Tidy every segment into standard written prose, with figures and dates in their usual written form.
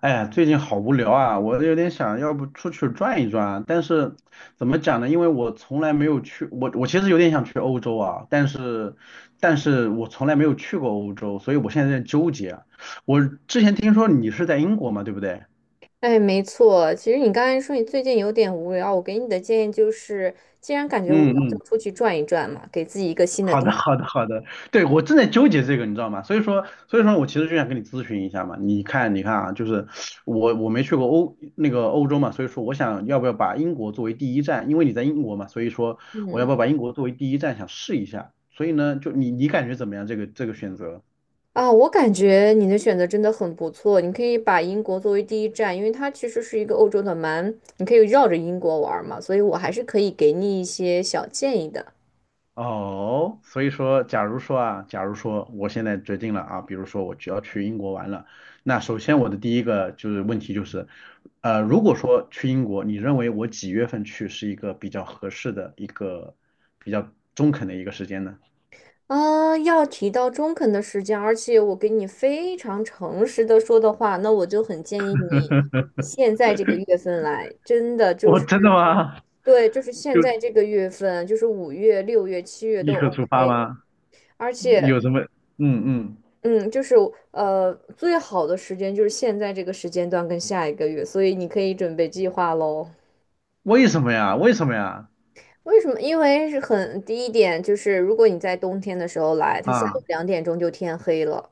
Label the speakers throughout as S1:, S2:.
S1: 哎，最近好无聊啊，我有点想要不出去转一转啊，但是怎么讲呢？因为我从来没有去，我我其实有点想去欧洲啊，但是我从来没有去过欧洲，所以我现在在纠结啊。我之前听说你是在英国嘛，对不对？
S2: 哎，没错。其实你刚才说你最近有点无聊，我给你的建议就是，既然感觉无聊，
S1: 嗯
S2: 就
S1: 嗯。
S2: 出去转一转嘛，给自己一个新的
S1: 好
S2: 大
S1: 的，
S2: 脑
S1: 好的，好的，对，我正在纠结这个，你知道吗？所以说我其实就想跟你咨询一下嘛。你看啊，就是我没去过欧那个欧洲嘛，所以说我想要不要把英国作为第一站，因为你在英国嘛，所以说我要不要把英国作为第一站想试一下。所以呢，就你感觉怎么样？这个选择？
S2: 啊。我感觉你的选择真的很不错，你可以把英国作为第一站，因为它其实是一个欧洲的蛮，你可以绕着英国玩儿嘛，所以我还是可以给你一些小建议的。
S1: 哦，所以说，假如说我现在决定了啊，比如说我只要去英国玩了，那首先我的第一个就是问题就是，如果说去英国，你认为我几月份去是一个比较合适的一个比较中肯的一个时间呢？
S2: 啊，要提到中肯的时间，而且我给你非常诚实的说的话，那我就很建议你现在这个月份来，真的 就
S1: 哦，
S2: 是
S1: 真的吗？
S2: 对，就是现
S1: 就
S2: 在这个月份，就是五月、六月、七月
S1: 立
S2: 都
S1: 刻出发
S2: OK，
S1: 吗？
S2: 而且，
S1: 有什么嗯嗯，
S2: 嗯，就是最好的时间就是现在这个时间段跟下一个月，所以你可以准备计划喽。
S1: 为什么呀？为什么呀？
S2: 为什么？因为是很第一点，就是如果你在冬天的时候来，它下午
S1: 啊
S2: 两点钟就天黑了。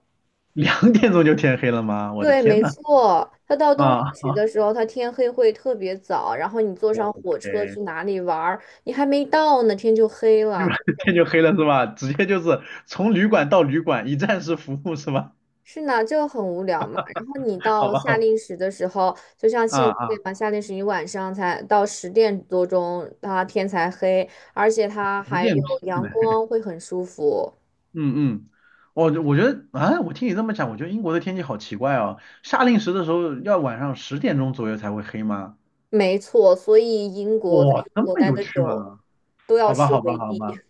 S1: 2点钟就天黑了吗？我的
S2: 对，
S1: 天
S2: 没
S1: 呐
S2: 错，它到冬令
S1: 啊？
S2: 时的 时候，它天黑会特别早，然后你坐上火车去
S1: ，OK，
S2: 哪里玩儿，你还没到呢，天就黑
S1: 立
S2: 了。
S1: 马天就黑了是吧？直接就是从旅馆到旅馆，一站式服务是吧？
S2: 是呢，就很无聊嘛。然后 你
S1: 好
S2: 到
S1: 吧，
S2: 夏
S1: 好吧，
S2: 令时的时候，就像现
S1: 啊
S2: 在
S1: 啊，
S2: 嘛，夏令时你晚上才到十点多钟，它天才黑，而且它
S1: 十
S2: 还有
S1: 点这样
S2: 阳光，会很舒服。
S1: 嗯嗯，我觉得啊，我听你这么讲，我觉得英国的天气好奇怪哦。夏令时的时候要晚上10点钟左右才会黑吗？
S2: 没错，所以英国在
S1: 哇，这
S2: 英国
S1: 么
S2: 待
S1: 有
S2: 的
S1: 趣
S2: 久，
S1: 吗？
S2: 都要
S1: 好吧，
S2: 吃
S1: 好吧，
S2: 维
S1: 好
S2: D。
S1: 吧。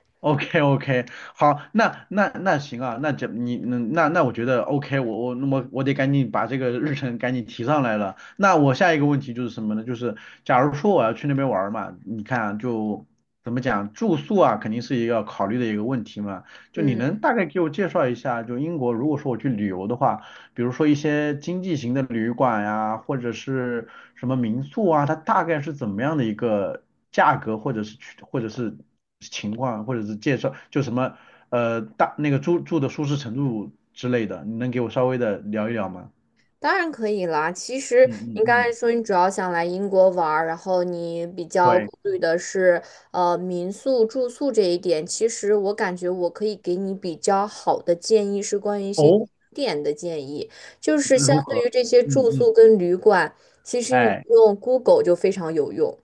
S1: OK OK，好，那行啊，那这你嗯那那我觉得 OK，我那么我得赶紧把这个日程赶紧提上来了。那我下一个问题就是什么呢？就是假如说我要去那边玩儿嘛，你看啊就怎么讲，住宿啊肯定是一个要考虑的一个问题嘛。就你
S2: 嗯。
S1: 能大概给我介绍一下，就英国如果说我去旅游的话，比如说一些经济型的旅馆呀、或者是什么民宿啊，它大概是怎么样的一个价格，或者是情况，或者是介绍，就什么呃大那个住住的舒适程度之类的，你能给我稍微的聊一聊吗？
S2: 当然可以啦。其实
S1: 嗯嗯
S2: 你刚才
S1: 嗯，
S2: 说你主要想来英国玩儿，然后你比较
S1: 对，
S2: 顾虑的是民宿住宿这一点。其实我感觉我可以给你比较好的建议是关于一些景
S1: 哦，
S2: 点的建议，就是相
S1: 如
S2: 对
S1: 何？
S2: 于这些
S1: 嗯
S2: 住
S1: 嗯，
S2: 宿跟旅馆，其实你
S1: 哎
S2: 用 Google 就非常有用。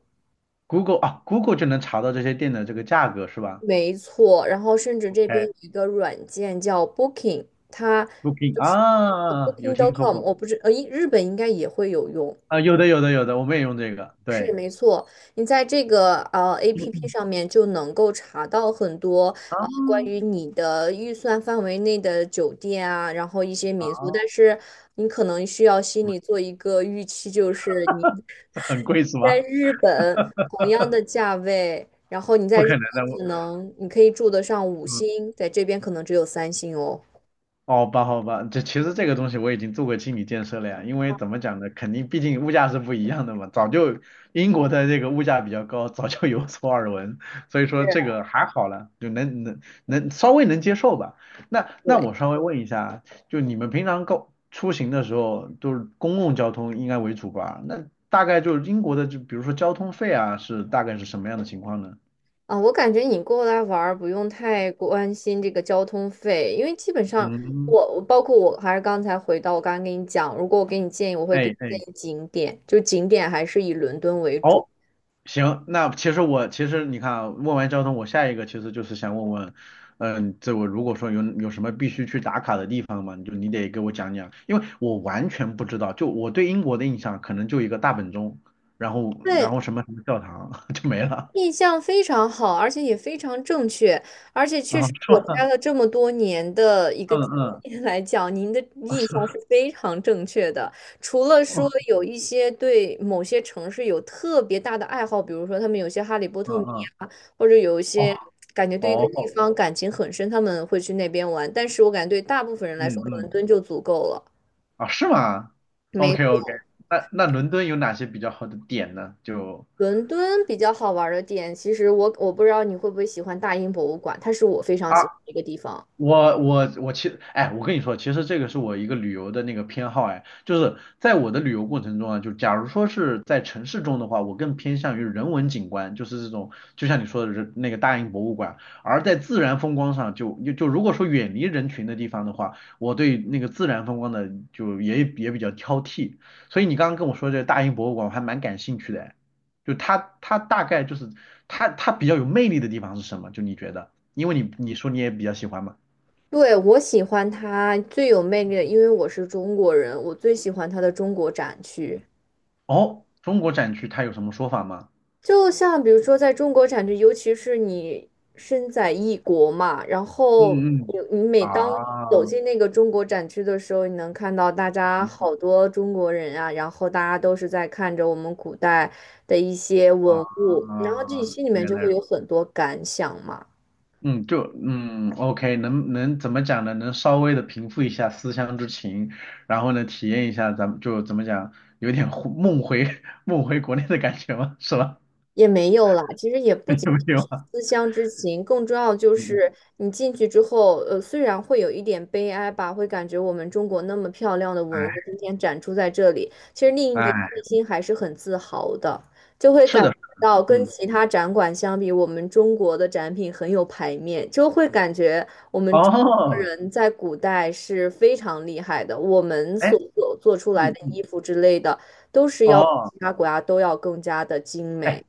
S1: ，Google 啊，Google 就能查到这些店的这个价格是吧
S2: 没错，然后甚至这边有一个软件叫 Booking，它
S1: ？OK，Booking
S2: 就是
S1: 啊，有听说
S2: Booking.com，
S1: 过
S2: 我不知日本应该也会有用。
S1: 啊，有的有的有的，我们也用这个，
S2: 是
S1: 对，
S2: 没错，你在这个APP 上面就能够查到很多
S1: 啊
S2: 关于你的预算范围内的酒店啊，然后一些民宿，
S1: 啊，
S2: 但是你可能需要心里做一个预期，就是你
S1: 这 很贵是
S2: 在
S1: 吗？
S2: 日本同样的价位，然后你在
S1: 不可
S2: 日
S1: 能的，
S2: 本
S1: 我。
S2: 可能你可以住得上五
S1: 嗯。
S2: 星，在这边可能只有三星哦。
S1: 好吧，好吧，这其实这个东西我已经做过心理建设了呀，因为怎么讲呢，肯定毕竟物价是不一样的嘛，早就英国的这个物价比较高，早就有所耳闻，所以说
S2: 是
S1: 这个还好了，就能稍微能接受吧。那
S2: 对。
S1: 我稍微问一下，就你们平常出行的时候都是公共交通应该为主吧？那大概就是英国的，就比如说交通费啊，是大概是什么样的情况呢？
S2: 啊，我感觉你过来玩儿不用太关心这个交通费，因为基本上
S1: 嗯，
S2: 我包括我还是刚才回到我刚刚跟你讲，如果我给你建议，我会给
S1: 哎
S2: 你
S1: 哎，
S2: 建议景点，就景点还是以伦敦为主。
S1: 哦行，那其实你看啊问完交通，我下一个其实就是想问问，嗯，这我如果说有什么必须去打卡的地方嘛，你得给我讲讲，因为我完全不知道，就我对英国的印象可能就一个大本钟，然后然
S2: 对，
S1: 后什么什么教堂 就没了
S2: 印象非常好，而且也非常正确，而且确
S1: 啊，
S2: 实
S1: 是
S2: 我待
S1: 吗？
S2: 了这么多年的一个
S1: 嗯
S2: 经
S1: 嗯，
S2: 验来讲，您的
S1: 啊
S2: 印
S1: 是
S2: 象
S1: 吗？
S2: 是非常正确的。除了说
S1: 哦，
S2: 有一些对某些城市有特别大的爱好，比如说他们有些哈利波
S1: 嗯
S2: 特迷
S1: 嗯，
S2: 啊，或者有一
S1: 哦
S2: 些感觉对一个地
S1: 哦，
S2: 方感情很深，他们会去那边玩。但是我感觉对大部分人来说，
S1: 嗯
S2: 伦
S1: 嗯，
S2: 敦就足够了。
S1: 啊是吗
S2: 没
S1: ？OK OK，
S2: 错，
S1: 那伦敦有哪些比较好的点呢？就
S2: 伦敦比较好玩儿的点，其实我不知道你会不会喜欢大英博物馆，它是我非常喜欢的一个地方。
S1: 我其实，哎，我跟你说，其实这个是我一个旅游的那个偏好，哎，就是在我的旅游过程中啊，就假如说是在城市中的话，我更偏向于人文景观，就是这种，就像你说的人那个大英博物馆，而在自然风光上就如果说远离人群的地方的话，我对那个自然风光的就也比较挑剔，所以你刚刚跟我说这个大英博物馆，我还蛮感兴趣的，哎，就它大概就是它比较有魅力的地方是什么？就你觉得，因为你说你也比较喜欢嘛。
S2: 对，我喜欢它最有魅力的，因为我是中国人，我最喜欢它的中国展区。
S1: 哦，中国展区它有什么说法吗？
S2: 就像比如说，在中国展区，尤其是你身在异国嘛，然后
S1: 嗯嗯
S2: 你每当
S1: 啊
S2: 走进那个中国展区的时候，你能看到大家好多中国人啊，然后大家都是在看着我们古代的一些
S1: 啊，
S2: 文物，然后自己心里面
S1: 原
S2: 就
S1: 来
S2: 会
S1: 如
S2: 有很多感想嘛。
S1: 嗯，就OK，能怎么讲呢？能稍微的平复一下思乡之情，然后呢，体验一下咱们就怎么讲，有点梦回 梦回国内的感觉吗？是吧？
S2: 也没有啦，其实也不 仅
S1: 有
S2: 仅
S1: 没有
S2: 是
S1: 啊？
S2: 思乡之情，更重要就
S1: 嗯嗯，
S2: 是你进去之后，虽然会有一点悲哀吧，会感觉我们中国那么漂亮的文物今天展出在这里，其实另一
S1: 哎
S2: 点
S1: 哎，
S2: 内心还是很自豪的，就会
S1: 是
S2: 感觉
S1: 的，
S2: 到跟
S1: 嗯，
S2: 其他展馆相比，我们中国的展品很有排面，就会感觉我们中国
S1: 哦，
S2: 人在古代是非常厉害的，我们
S1: 哎，
S2: 所做出来
S1: 嗯
S2: 的
S1: 嗯，
S2: 衣服之类的，都是要比
S1: 哦。
S2: 其他国家都要更加的精美。
S1: 哎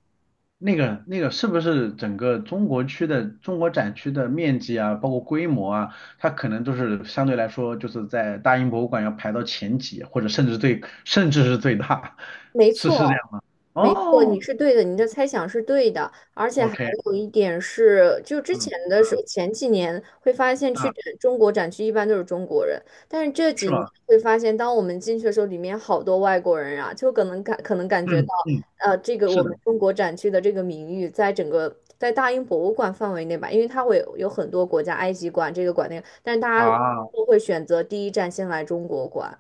S1: 那个是不是整个中国展区的面积啊，包括规模啊，它可能都是相对来说就是在大英博物馆要排到前几，或者甚至是最大，
S2: 没
S1: 是是这
S2: 错，
S1: 样。
S2: 没错，你
S1: 哦
S2: 是对的，你的猜想是对的，而且还
S1: ，OK，
S2: 有一点是，就之
S1: 嗯
S2: 前的时候，
S1: 嗯
S2: 前几年会发现
S1: 啊，
S2: 去展中国展区一般都是中国人，但是这
S1: 是
S2: 几年
S1: 吗？
S2: 会发现，当我们进去的时候，里面好多外国人啊，就可能感觉到，
S1: 嗯嗯，
S2: 这个
S1: 是
S2: 我们
S1: 的
S2: 中国展区的这个名誉，在整个在大英博物馆范围内吧，因为它会有很多国家，埃及馆这个馆那个，但是大家
S1: 啊。
S2: 都会选择第一站先来中国馆。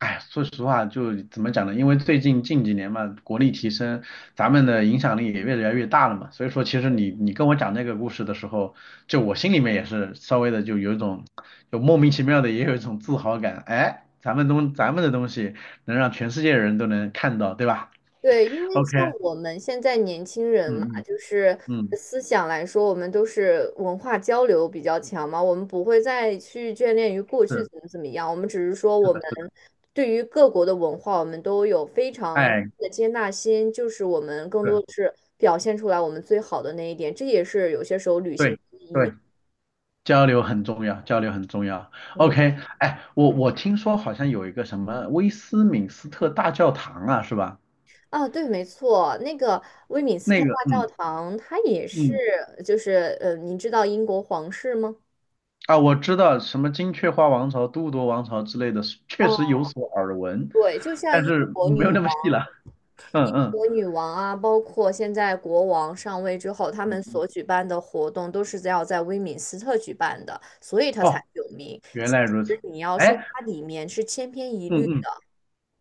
S1: 哎，说实话，就怎么讲呢？因为近几年嘛，国力提升，咱们的影响力也越来越大了嘛。所以说，其实你跟我讲那个故事的时候，就我心里面也是稍微的就有一种，就莫名其妙的也有一种自豪感。哎，咱们的东西能让全世界的人都能看到，对吧
S2: 对，因为
S1: ？OK，
S2: 像我们现在年轻人
S1: 嗯
S2: 嘛，
S1: 嗯
S2: 就是
S1: 嗯，
S2: 思想来说，我们都是文化交流比较强嘛，我们不会再去眷恋于过去
S1: 是
S2: 怎么怎么样，我们只是说
S1: 是
S2: 我们
S1: 的是的，
S2: 对于各国的文化，我们都有非常
S1: 哎，
S2: 的接纳心，就是我们更多
S1: 对
S2: 的是表现出来我们最好的那一点，这也是有些时候旅行的
S1: 对
S2: 意义。
S1: 对。交流很重要，交流很重要。
S2: 嗯
S1: OK，哎，我听说好像有一个什么威斯敏斯特大教堂啊，是吧？
S2: 啊，对，没错，那个威敏斯特
S1: 那个，
S2: 大教
S1: 嗯
S2: 堂，它也是，
S1: 嗯，
S2: 就是，您知道英国皇室吗？
S1: 啊，我知道什么金雀花王朝、都铎王朝之类的，确实有所耳闻，
S2: 对，就像
S1: 但
S2: 英
S1: 是
S2: 国
S1: 没
S2: 女
S1: 有
S2: 王、
S1: 那么细了。嗯
S2: 英
S1: 嗯
S2: 国女王啊，包括现在国王上位之后，他
S1: 嗯，
S2: 们所举办的活动都是在要在威敏斯特举办的，所以它才
S1: 哦，
S2: 有名。
S1: 原
S2: 其
S1: 来如此。
S2: 实你要说
S1: 哎，
S2: 它里面是千篇一律
S1: 嗯嗯
S2: 的，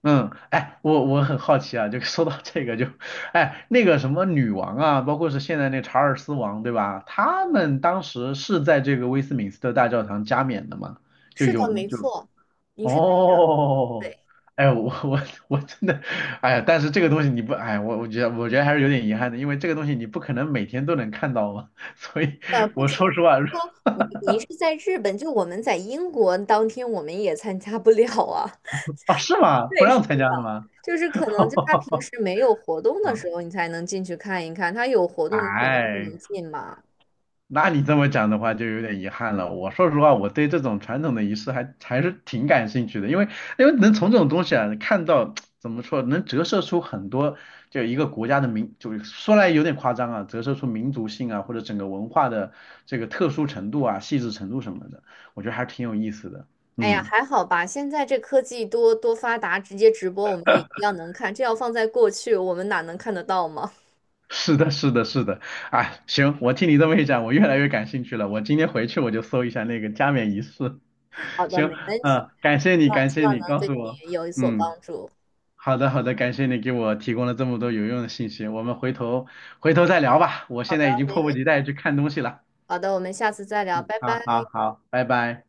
S1: 嗯，哎，我很好奇啊，就 说到这个就，哎，那个什么女王啊，包括是现在那查尔斯王，对吧？他们当时是在这个威斯敏斯特大教堂加冕的嘛？就
S2: 是的，
S1: 有
S2: 没
S1: 就
S2: 错，你是对
S1: 哦，
S2: 对
S1: 哎，我真的，哎呀，但是这个东西你不，哎，我觉得还是有点遗憾的，因为这个东西你不可能每天都能看到嘛，所以
S2: 的。不
S1: 我
S2: 仅
S1: 说
S2: 是
S1: 实话，
S2: 说 你，您是在日本，就我们在英国当天我们也参加不了啊。
S1: 啊，是 吗？不
S2: 对，是
S1: 让参加
S2: 的。
S1: 的吗？
S2: 就是可能就他平 时没有活动的
S1: 嗯，
S2: 时候，你才能进去看一看。他有活动，你肯定不
S1: 哎。
S2: 能进嘛。
S1: 那你这么讲的话，就有点遗憾了。我说实话，我对这种传统的仪式还是挺感兴趣的，因为能从这种东西啊看到 怎么说，能折射出很多就一个国家的民，就是说来有点夸张啊，折射出民族性啊或者整个文化的这个特殊程度啊、细致程度什么的，我觉得还挺有意思的。
S2: 哎呀，
S1: 嗯，
S2: 还好吧，现在这科技多多发达，直接直播我们也一样能看。这要放在过去，我们哪能看得到吗？
S1: 是的，是的，是的。啊，行，我听你这么一讲，我越来越感兴趣了。我今天回去我就搜一下那个加冕仪式。
S2: 好的，
S1: 行，
S2: 没问题。
S1: 嗯、感谢
S2: 希
S1: 你，
S2: 望
S1: 感
S2: 希
S1: 谢
S2: 望
S1: 你
S2: 能
S1: 告
S2: 对
S1: 诉我。
S2: 你有所
S1: 嗯。
S2: 帮助。
S1: 好的，好的，感谢你给我提供了这么多有用的信息，我们回头再聊吧，我
S2: 好
S1: 现
S2: 的，
S1: 在已经
S2: 没
S1: 迫不
S2: 问题。
S1: 及待去看东西了。
S2: 好的，我们下次再聊，拜
S1: 好好
S2: 拜。
S1: 好，拜拜。